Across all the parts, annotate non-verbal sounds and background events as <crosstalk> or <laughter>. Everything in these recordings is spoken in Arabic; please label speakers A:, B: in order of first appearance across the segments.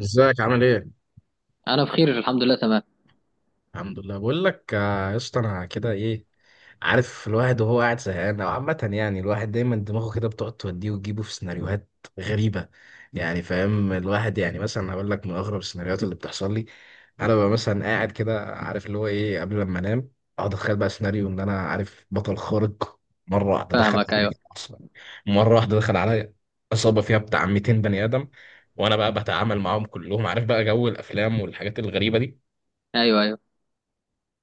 A: ازيك عامل ايه؟
B: انا بخير، الحمد لله، تمام.
A: الحمد لله. بقول لك يا اسطى انا كده ايه. عارف الواحد وهو قاعد زهقان او عامة، يعني الواحد دايما دماغه كده بتقعد توديه وتجيبه في سيناريوهات غريبة. يعني فاهم الواحد، يعني مثلا هقول لك من اغرب السيناريوهات اللي بتحصل لي. انا ببقى مثلا قاعد كده عارف اللي هو ايه قبل لما انام، اقعد اتخيل بقى سيناريو ان انا عارف بطل خارق. مرة واحدة دخل
B: فاهمك.
A: عليا
B: ايوه
A: كده اصلا، مرة واحدة دخل عليا عصابة فيها بتاع 200 بني آدم وانا بقى بتعامل معاهم كلهم، عارف بقى جو الافلام والحاجات الغريبة دي.
B: ايوه.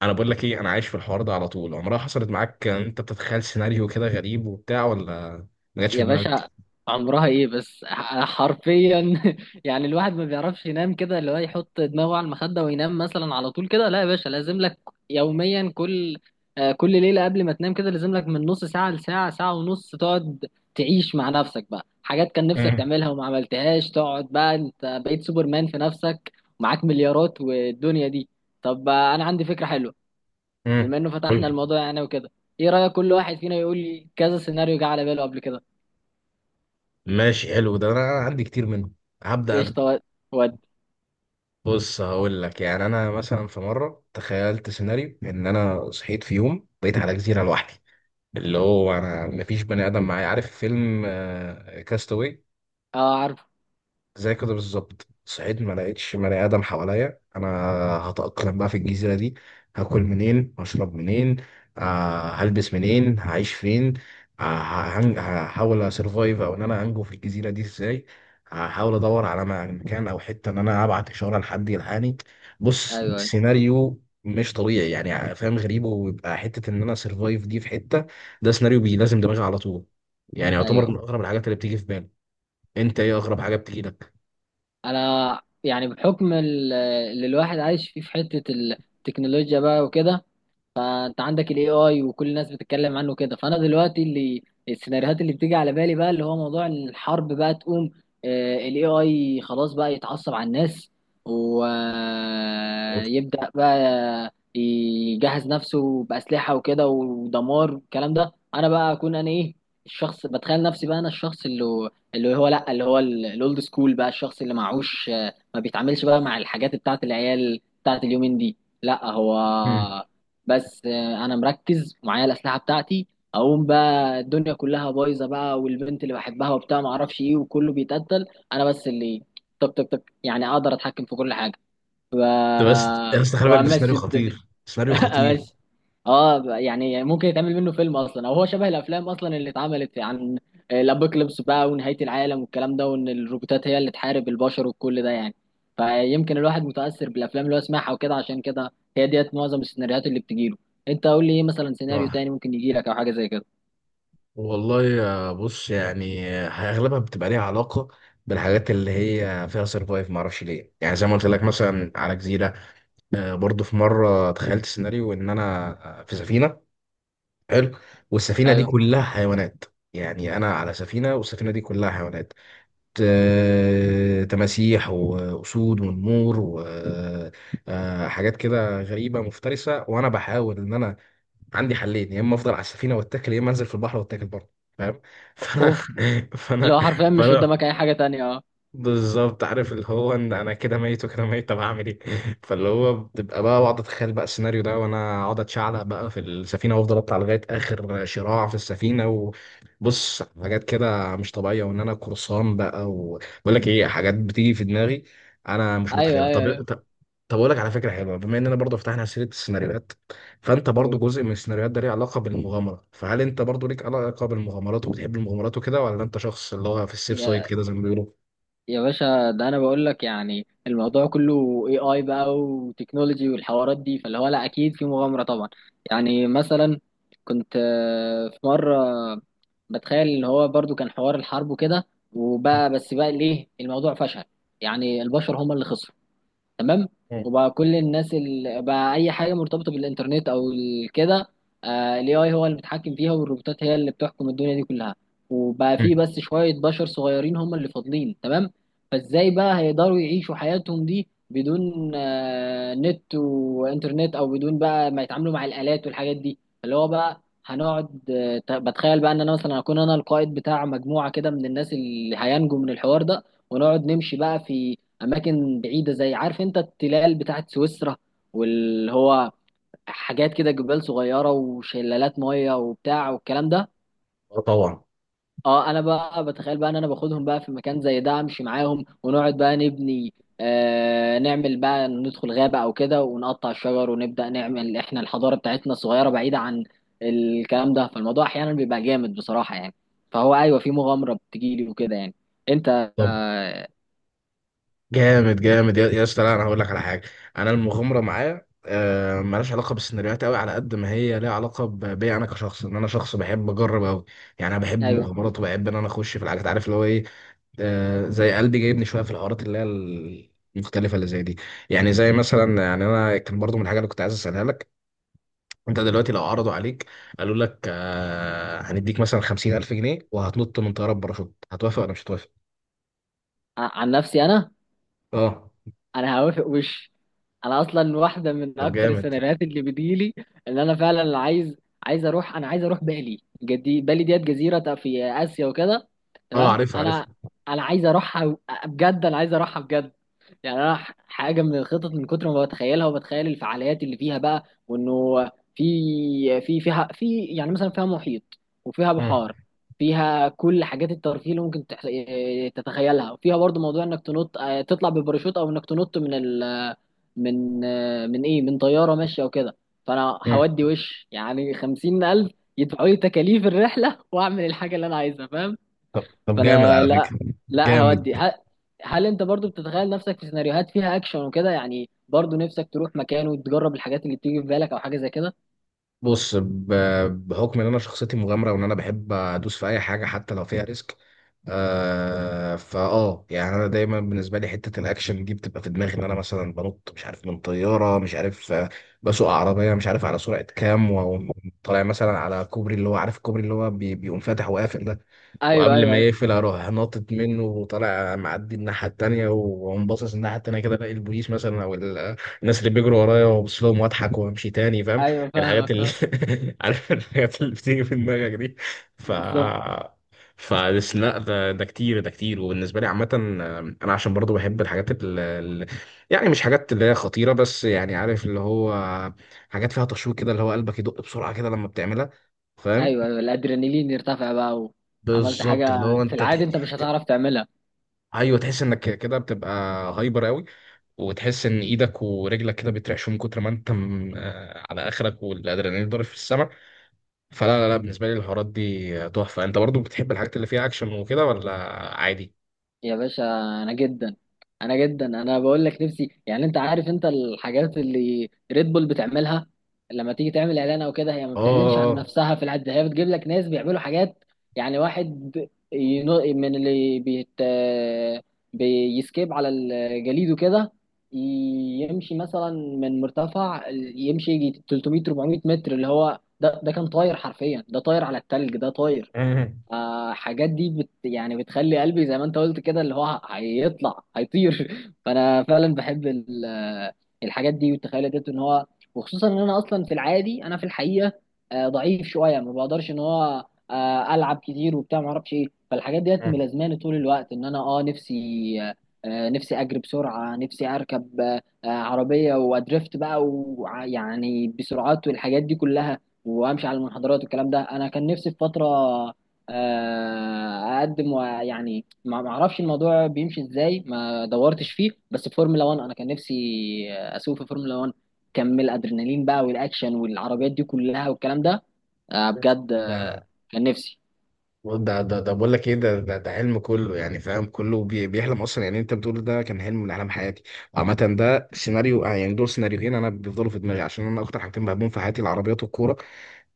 A: انا بقول لك ايه، انا عايش في الحوار ده على طول. عمرها حصلت معاك انت بتتخيل سيناريو كده غريب وبتاع، ولا ما جاتش في
B: يا
A: دماغك؟
B: باشا، عمرها ايه بس؟ حرفيا <laughs> يعني الواحد ما بيعرفش ينام كده، اللي هو يحط دماغه على المخدة وينام مثلا على طول كده. لا يا باشا، لازم لك يوميا، كل كل ليلة قبل ما تنام كده لازم لك من نص ساعة لساعة، ساعة ونص تقعد تعيش مع نفسك بقى، حاجات كان نفسك
A: مم.
B: تعملها وما عملتهاش. تقعد بقى انت بقيت سوبرمان في نفسك، ومعاك مليارات والدنيا دي. طب انا عندي فكرة حلوة،
A: مم.
B: بما انه
A: قول
B: فتحنا
A: لي.
B: الموضوع يعني وكده. ايه رأيك كل واحد فينا يقول لي كذا سيناريو جه على باله قبل كده؟
A: ماشي، حلو ده، انا عندي كتير منه. هبدأ انا.
B: قشطة. ود.
A: بص، هقول لك يعني انا مثلا في مره تخيلت سيناريو ان انا صحيت في يوم بقيت على جزيره لوحدي، اللي هو انا مفيش بني ادم معايا. عارف فيلم كاستاوي؟
B: اه، عارفه.
A: زي كده بالظبط، صحيت ما لقيتش بني ادم حواليا. انا هتأقلم بقى في الجزيرة دي، هاكل منين، هشرب منين، آه هلبس منين، هعيش فين، آه هحاول اسرفايف، او ان انا انجو في الجزيرة دي ازاي. هحاول ادور على مكان او حتة ان انا ابعت اشارة لحد يلحقني. بص
B: ايوه
A: سيناريو مش طبيعي، يعني فاهم غريب، ويبقى حتة ان انا سرفايف دي في حتة. ده سيناريو لازم دماغي على طول. يعني يعتبر
B: ايوه.
A: من اغرب الحاجات اللي بتيجي في بالي. انت ايه اغرب حاجة بتيجي لك؟
B: انا يعني بحكم اللي الواحد عايش فيه في حتة التكنولوجيا بقى وكده، فانت عندك الاي اي وكل الناس بتتكلم عنه كده. فانا دلوقتي اللي السيناريوهات اللي بتيجي على بالي بقى اللي هو موضوع الحرب، بقى تقوم الاي اي خلاص، بقى يتعصب على الناس ويبدأ بقى يجهز نفسه بأسلحة وكده ودمار والكلام ده. انا بقى اكون انا ايه، الشخص، بتخيل نفسي بقى انا الشخص اللي اللي هو لا، اللي هو الاولد سكول بقى، الشخص اللي معهوش ما بيتعاملش بقى مع الحاجات بتاعت العيال بتاعت اليومين دي. لا هو
A: مم.
B: بس انا مركز ومعايا الاسلحه بتاعتي. اقوم بقى الدنيا كلها بايظه بقى، والبنت اللي بحبها وبتاع ما اعرفش ايه وكله بيتقتل، انا بس اللي طق طق طق، يعني اقدر اتحكم في كل حاجه
A: طب بس يا اسطى خلي بالك، ده سيناريو
B: وامشي الدنيا.
A: خطير، سيناريو
B: <laughs>
A: خطير.
B: بس اه، يعني ممكن يتعمل منه فيلم اصلا، او هو شبه الافلام اصلا اللي اتعملت عن الابوكاليبس بقى ونهايه العالم والكلام ده، وان الروبوتات هي اللي تحارب البشر وكل ده يعني. فيمكن الواحد متاثر بالافلام اللي هو سمعها وكده، عشان كده هي ديت معظم السيناريوهات اللي بتجيله. انت قول لي ايه مثلا سيناريو
A: صح
B: تاني ممكن يجي لك، او حاجه زي كده.
A: والله. يا بص، يعني اغلبها بتبقى ليها علاقه بالحاجات اللي هي فيها سرفايف، ما اعرفش ليه. يعني زي ما قلت لك مثلا على جزيره. برضو في مره تخيلت سيناريو ان انا في سفينه. حلو. والسفينه دي
B: ايوه.
A: كلها حيوانات. يعني انا على سفينه والسفينه دي كلها حيوانات، آه تماسيح واسود ونمور وحاجات كده غريبه مفترسه، وانا بحاول ان انا عندي حلين، يا اما افضل على السفينه واتكل، يا اما انزل في البحر واتكل برضه. فاهم؟ <laughs> فانا
B: اوف، اللي
A: فانا
B: هو حرفيا مش
A: فانا
B: قدامك اي حاجه تانية، اه.
A: بالظبط عارف اللي هو ان انا كده ميت وكده ميت، طب هعمل ايه؟ <laughs> فاللي هو بتبقى بقى بقعد اتخيل بقى السيناريو ده، وانا اقعد اتشعلق بقى في السفينه وافضل اطلع لغايه اخر شراع في السفينه. وبص حاجات كده مش طبيعيه، وان انا قرصان بقى. وبقول لك ايه، حاجات بتيجي في دماغي انا مش
B: ايوه
A: متخيلها.
B: ايوه,
A: طب
B: أيوة.
A: طب طب اقول لك على فكره حلوه، بما اننا برضو فتحنا سيره السيناريوهات، فانت برضو
B: أوه.
A: جزء من السيناريوهات ده ليه علاقه بالمغامره، فهل انت برضو ليك علاقه بالمغامرات وبتحب المغامرات وكده، ولا انت شخص اللي هو في السيف سايد كده زي ما بيقولوا؟
B: يا باشا، ده انا بقول لك يعني الموضوع كله اي اي بقى وتكنولوجي والحوارات دي، فاللي هو لا، اكيد في مغامره طبعا. يعني مثلا كنت في مره بتخيل ان هو برضو كان حوار الحرب وكده، وبقى بس بقى ليه الموضوع فشل، يعني البشر هم اللي خسروا، تمام.
A: مم.
B: وبقى كل الناس اللي بقى اي حاجه مرتبطه بالانترنت او كده، الاي اي هو اللي بيتحكم فيها، والروبوتات هي اللي بتحكم الدنيا دي كلها. وبقى
A: مم.
B: في بس شويه بشر صغيرين هم اللي فاضلين، تمام. فازاي بقى هيقدروا يعيشوا حياتهم دي بدون نت وانترنت، او بدون بقى ما يتعاملوا مع الالات والحاجات دي، اللي هو بقى هنقعد بتخيل بقى ان انا مثلا اكون انا القائد بتاع مجموعه كده من الناس اللي هينجوا من الحوار ده. ونقعد نمشي بقى في اماكن بعيده، زي عارف انت التلال بتاعت سويسرا، واللي هو حاجات كده جبال صغيره وشلالات ميه وبتاع والكلام ده.
A: اه طبعا.
B: اه، انا بقى بتخيل بقى ان انا باخدهم بقى في مكان زي ده، امشي معاهم ونقعد بقى نبني، آه نعمل بقى، ندخل غابه او كده ونقطع الشجر ونبدا نعمل احنا الحضاره بتاعتنا الصغيره بعيده عن الكلام ده. فالموضوع احيانا بيبقى جامد بصراحه يعني. فهو ايوه، في مغامره بتجيلي وكده يعني. انت
A: طب
B: آه.
A: جامد، جامد يا اسطى. لا انا هقول لك على حاجه. انا المغامره معايا مالهاش علاقه بالسيناريوهات قوي، على قد ما هي ليها علاقه بيا انا كشخص، ان انا شخص بحب اجرب قوي. يعني انا بحب
B: ايوه.
A: المغامرات وبحب ان انا اخش في الحاجات، عارف اللي هو ايه. زي قلبي جايبني شويه في الحوارات اللي هي المختلفه اللي زي دي. يعني زي مثلا، يعني انا كان برضو من الحاجه اللي كنت عايز اسالها لك، انت دلوقتي لو عرضوا عليك قالوا لك هنديك مثلا 50,000 جنيه وهتنط من طياره بباراشوت، هتوافق ولا مش هتوافق؟
B: عن نفسي انا،
A: اه.
B: انا هوافق وش. انا اصلا واحده من
A: طب
B: اكتر
A: جامد.
B: السيناريوهات اللي بتجيلي ان انا فعلا عايز اروح، انا عايز اروح بالي جدي، بالي ديت جزيره في اسيا وكده،
A: اه
B: تمام.
A: عارف عارف.
B: انا انا عايز اروحها بجد، انا عايز اروحها بجد. يعني انا حاجه من الخطط من كتر ما بتخيلها وبتخيل الفعاليات اللي فيها بقى، وانه في في فيها في يعني مثلا فيها محيط وفيها
A: مم.
B: بحار، فيها كل حاجات الترفيه اللي ممكن تح- إيه، تتخيلها، وفيها برضو موضوع انك تنط تطلع بالباراشوت، او انك تنط من ال من آه، من ايه من طياره ماشيه وكده. فانا
A: مم.
B: هودي وش يعني 50000 يدفعوا لي تكاليف الرحله واعمل الحاجه اللي انا عايزها، فاهم.
A: طب طب جامد
B: فانا
A: على
B: لا،
A: فكرة.
B: لا
A: جامد.
B: هودي. هل انت برضو بتتخيل نفسك في سيناريوهات فيها اكشن وكده؟ يعني برضو نفسك تروح مكان وتجرب الحاجات اللي بتيجي في بالك، او حاجه زي كده.
A: بص ب- بحكم ان انا شخصيتي مغامرة وان انا بحب ادوس في اي حاجة حتى لو فيها ريسك، آه فاه، يعني انا دايما بالنسبة لي حتة الاكشن دي بتبقى في دماغي، ان انا مثلا بنط مش عارف من طيارة، مش عارف بسوق عربية مش عارف على سرعة كام، وطالع مثلا على كوبري اللي هو عارف الكوبري اللي هو بيقوم فاتح وقافل ده،
B: ايوه
A: وقبل
B: ايوه
A: ما
B: ايوه
A: يقفل اروح ناطط منه وطالع معدي الناحيه التانيه، واقوم باصص الناحيه التانيه كده الاقي البوليس مثلا او الناس اللي بيجروا ورايا، وابص لهم واضحك وامشي تاني. فاهم؟
B: ايوه.
A: الحاجات
B: فاهمك،
A: اللي
B: فاهم.
A: <laughs> عارف الحاجات اللي بتيجي في دماغك دي. ف
B: بالظبط.
A: فبس لا، ده ده كتير، ده كتير وبالنسبه لي عامه. انا عشان برضو بحب الحاجات اللي يعني مش حاجات اللي هي خطيره بس، يعني عارف اللي هو حاجات فيها تشويق كده، اللي هو قلبك يدق بسرعه كده لما بتعملها. فاهم؟
B: ايوه، الادرينالين يرتفع بقى، وعملت
A: بالظبط
B: حاجه
A: اللي هو
B: في العادي انت مش هتعرف تعملها.
A: ايوه تحس انك كده بتبقى هايبر قوي، وتحس ان ايدك ورجلك كده بيترعشوا من كتر ما انت على اخرك، والادرينالين ضارب في السماء. فلا لا لا بالنسبه لي الحوارات دي تحفه. انت برضو بتحب الحاجات اللي فيها اكشن وكده، ولا عادي؟
B: يا باشا، انا جدا، انا جدا، انا بقول لك نفسي. يعني انت عارف انت الحاجات اللي ريد بول بتعملها، لما تيجي تعمل اعلان او كده، هي ما بتعلنش عن
A: اه.
B: نفسها في العد، هي بتجيب لك ناس بيعملوا حاجات. يعني واحد ينو من اللي بيت بيسكيب على الجليد وكده، يمشي مثلا من مرتفع، يمشي يجي 300 400 متر، اللي هو ده ده كان طاير حرفيا، ده طاير على التلج، ده طاير.
A: مم.
B: حاجات دي بت يعني بتخلي قلبي زي ما انت قلت كده، اللي هو هيطلع هيطير. <laughs> فانا فعلا بحب الحاجات دي والتخيلات دي ان هو. وخصوصا ان انا اصلا في العادي، انا في الحقيقه ضعيف شويه ما بقدرش ان هو العب كتير وبتاع ما اعرفش ايه. فالحاجات ديت
A: مم.
B: ملازماني طول الوقت ان انا اه نفسي، آه، نفسي اجري بسرعه، نفسي اركب عربيه وادريفت بقى، ويعني بسرعات والحاجات دي كلها، وامشي على المنحدرات والكلام ده. انا كان نفسي في فتره اقدم، ويعني ما اعرفش الموضوع بيمشي ازاي، ما دورتش فيه، بس في فورمولا 1، انا كان نفسي اسوق في فورمولا 1، كم الادرينالين بقى والاكشن والعربيات دي كلها والكلام ده. بجد
A: ده
B: كان نفسي.
A: <laughs> ده بقول لك ايه، ده حلم كله، يعني فاهم كله بيحلم اصلا. يعني انت بتقول ده كان حلم من احلام حياتي. عامه ده سيناريو، يعني دول سيناريوهين انا بيفضلوا في دماغي، عشان انا اكتر حاجتين بحبهم في حياتي العربيات والكوره.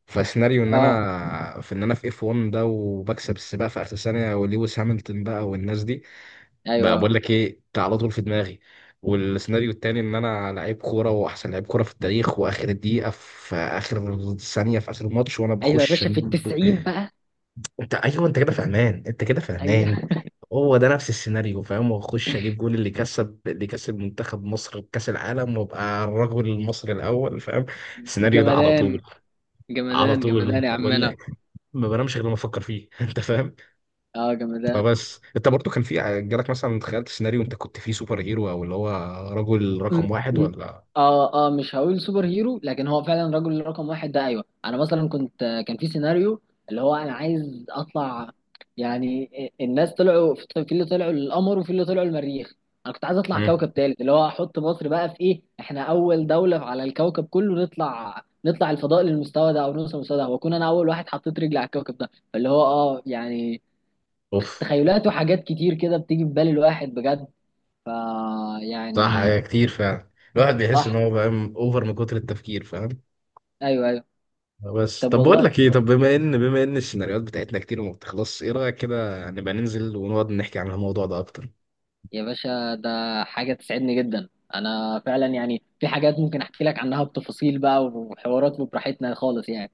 A: فسيناريو ان
B: اه
A: انا في اف 1 ده، وبكسب السباق في اخر ثانيه، ولويس هامilton بقى والناس دي بقى،
B: ايوه،
A: بقول لك ايه ده على طول في دماغي. والسيناريو التاني ان انا لعيب كوره واحسن لعيب كوره في التاريخ، واخر الدقيقه في اخر ثانيه في اخر الماتش وانا
B: ايوه يا
A: بخش
B: باشا في
A: أجيب-
B: 90 بقى.
A: <clears throat> انت ايوه انت كده فاهمان، انت كده
B: ايوه
A: فاهمان.
B: <laughs>
A: هو ده نفس السيناريو فاهم، واخش اجيب جول اللي كسب، اللي كسب منتخب مصر كاس العالم، وابقى الرجل المصري الاول. فاهم؟ السيناريو ده على طول،
B: جمدان،
A: على
B: جمدان
A: طول
B: جمدان يا
A: بقول
B: عمنا.
A: لك. ما بنامش غير لما افكر فيه. <laughs> انت فاهم؟
B: اه جمدان.
A: فبس انت برضو كان جالك مثلا تخيلت سيناريو انت كنت فيه سوبر هيرو، او اللي هو رجل
B: م-
A: رقم واحد
B: م-
A: ولا؟
B: اه اه، مش هقول سوبر هيرو، لكن هو فعلا رجل رقم واحد. ده ايوه، انا مثلا كنت كان في سيناريو اللي هو انا عايز اطلع. يعني الناس طلعوا في اللي طلعوا للقمر، وفي اللي طلعوا المريخ. انا كنت عايز اطلع
A: مم.
B: كوكب تالت، اللي هو احط مصر بقى في ايه، احنا اول دولة على الكوكب كله نطلع الفضاء للمستوى ده، او نوصل للمستوى ده، واكون انا اول واحد حطيت رجلي على الكوكب ده. فاللي هو اه يعني،
A: اوف.
B: تخيلات وحاجات كتير كده بتيجي في بال الواحد بجد. ف
A: صح،
B: يعني،
A: هي كتير فعلا. الواحد بيحس
B: صح،
A: ان هو فاهم اوفر من كتر التفكير. فاهم؟
B: ايوه.
A: بس
B: طب
A: طب بقول
B: والله
A: لك ايه، طب بما ان السيناريوهات بتاعتنا كتير وما بتخلصش، ايه رايك كده نبقى ننزل ونقعد نحكي عن الموضوع ده اكتر؟
B: يا باشا، ده حاجة تسعدني جدا. أنا فعلا يعني في حاجات ممكن أحكي لك عنها بتفاصيل بقى وحوارات وبراحتنا خالص يعني.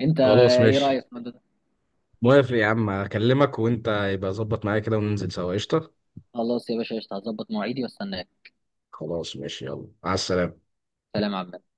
B: أنت
A: خلاص
B: إيه
A: ماشي،
B: رأيك في الموضوع ده؟
A: موافق يا عم. اكلمك وانت يبقى ظبط معايا كده وننزل سوا. قشطه.
B: خلاص يا باشا، قشطة، هظبط مواعيدي وأستناك.
A: خلاص ماشي، يلا مع السلامه.
B: سلام يا عم.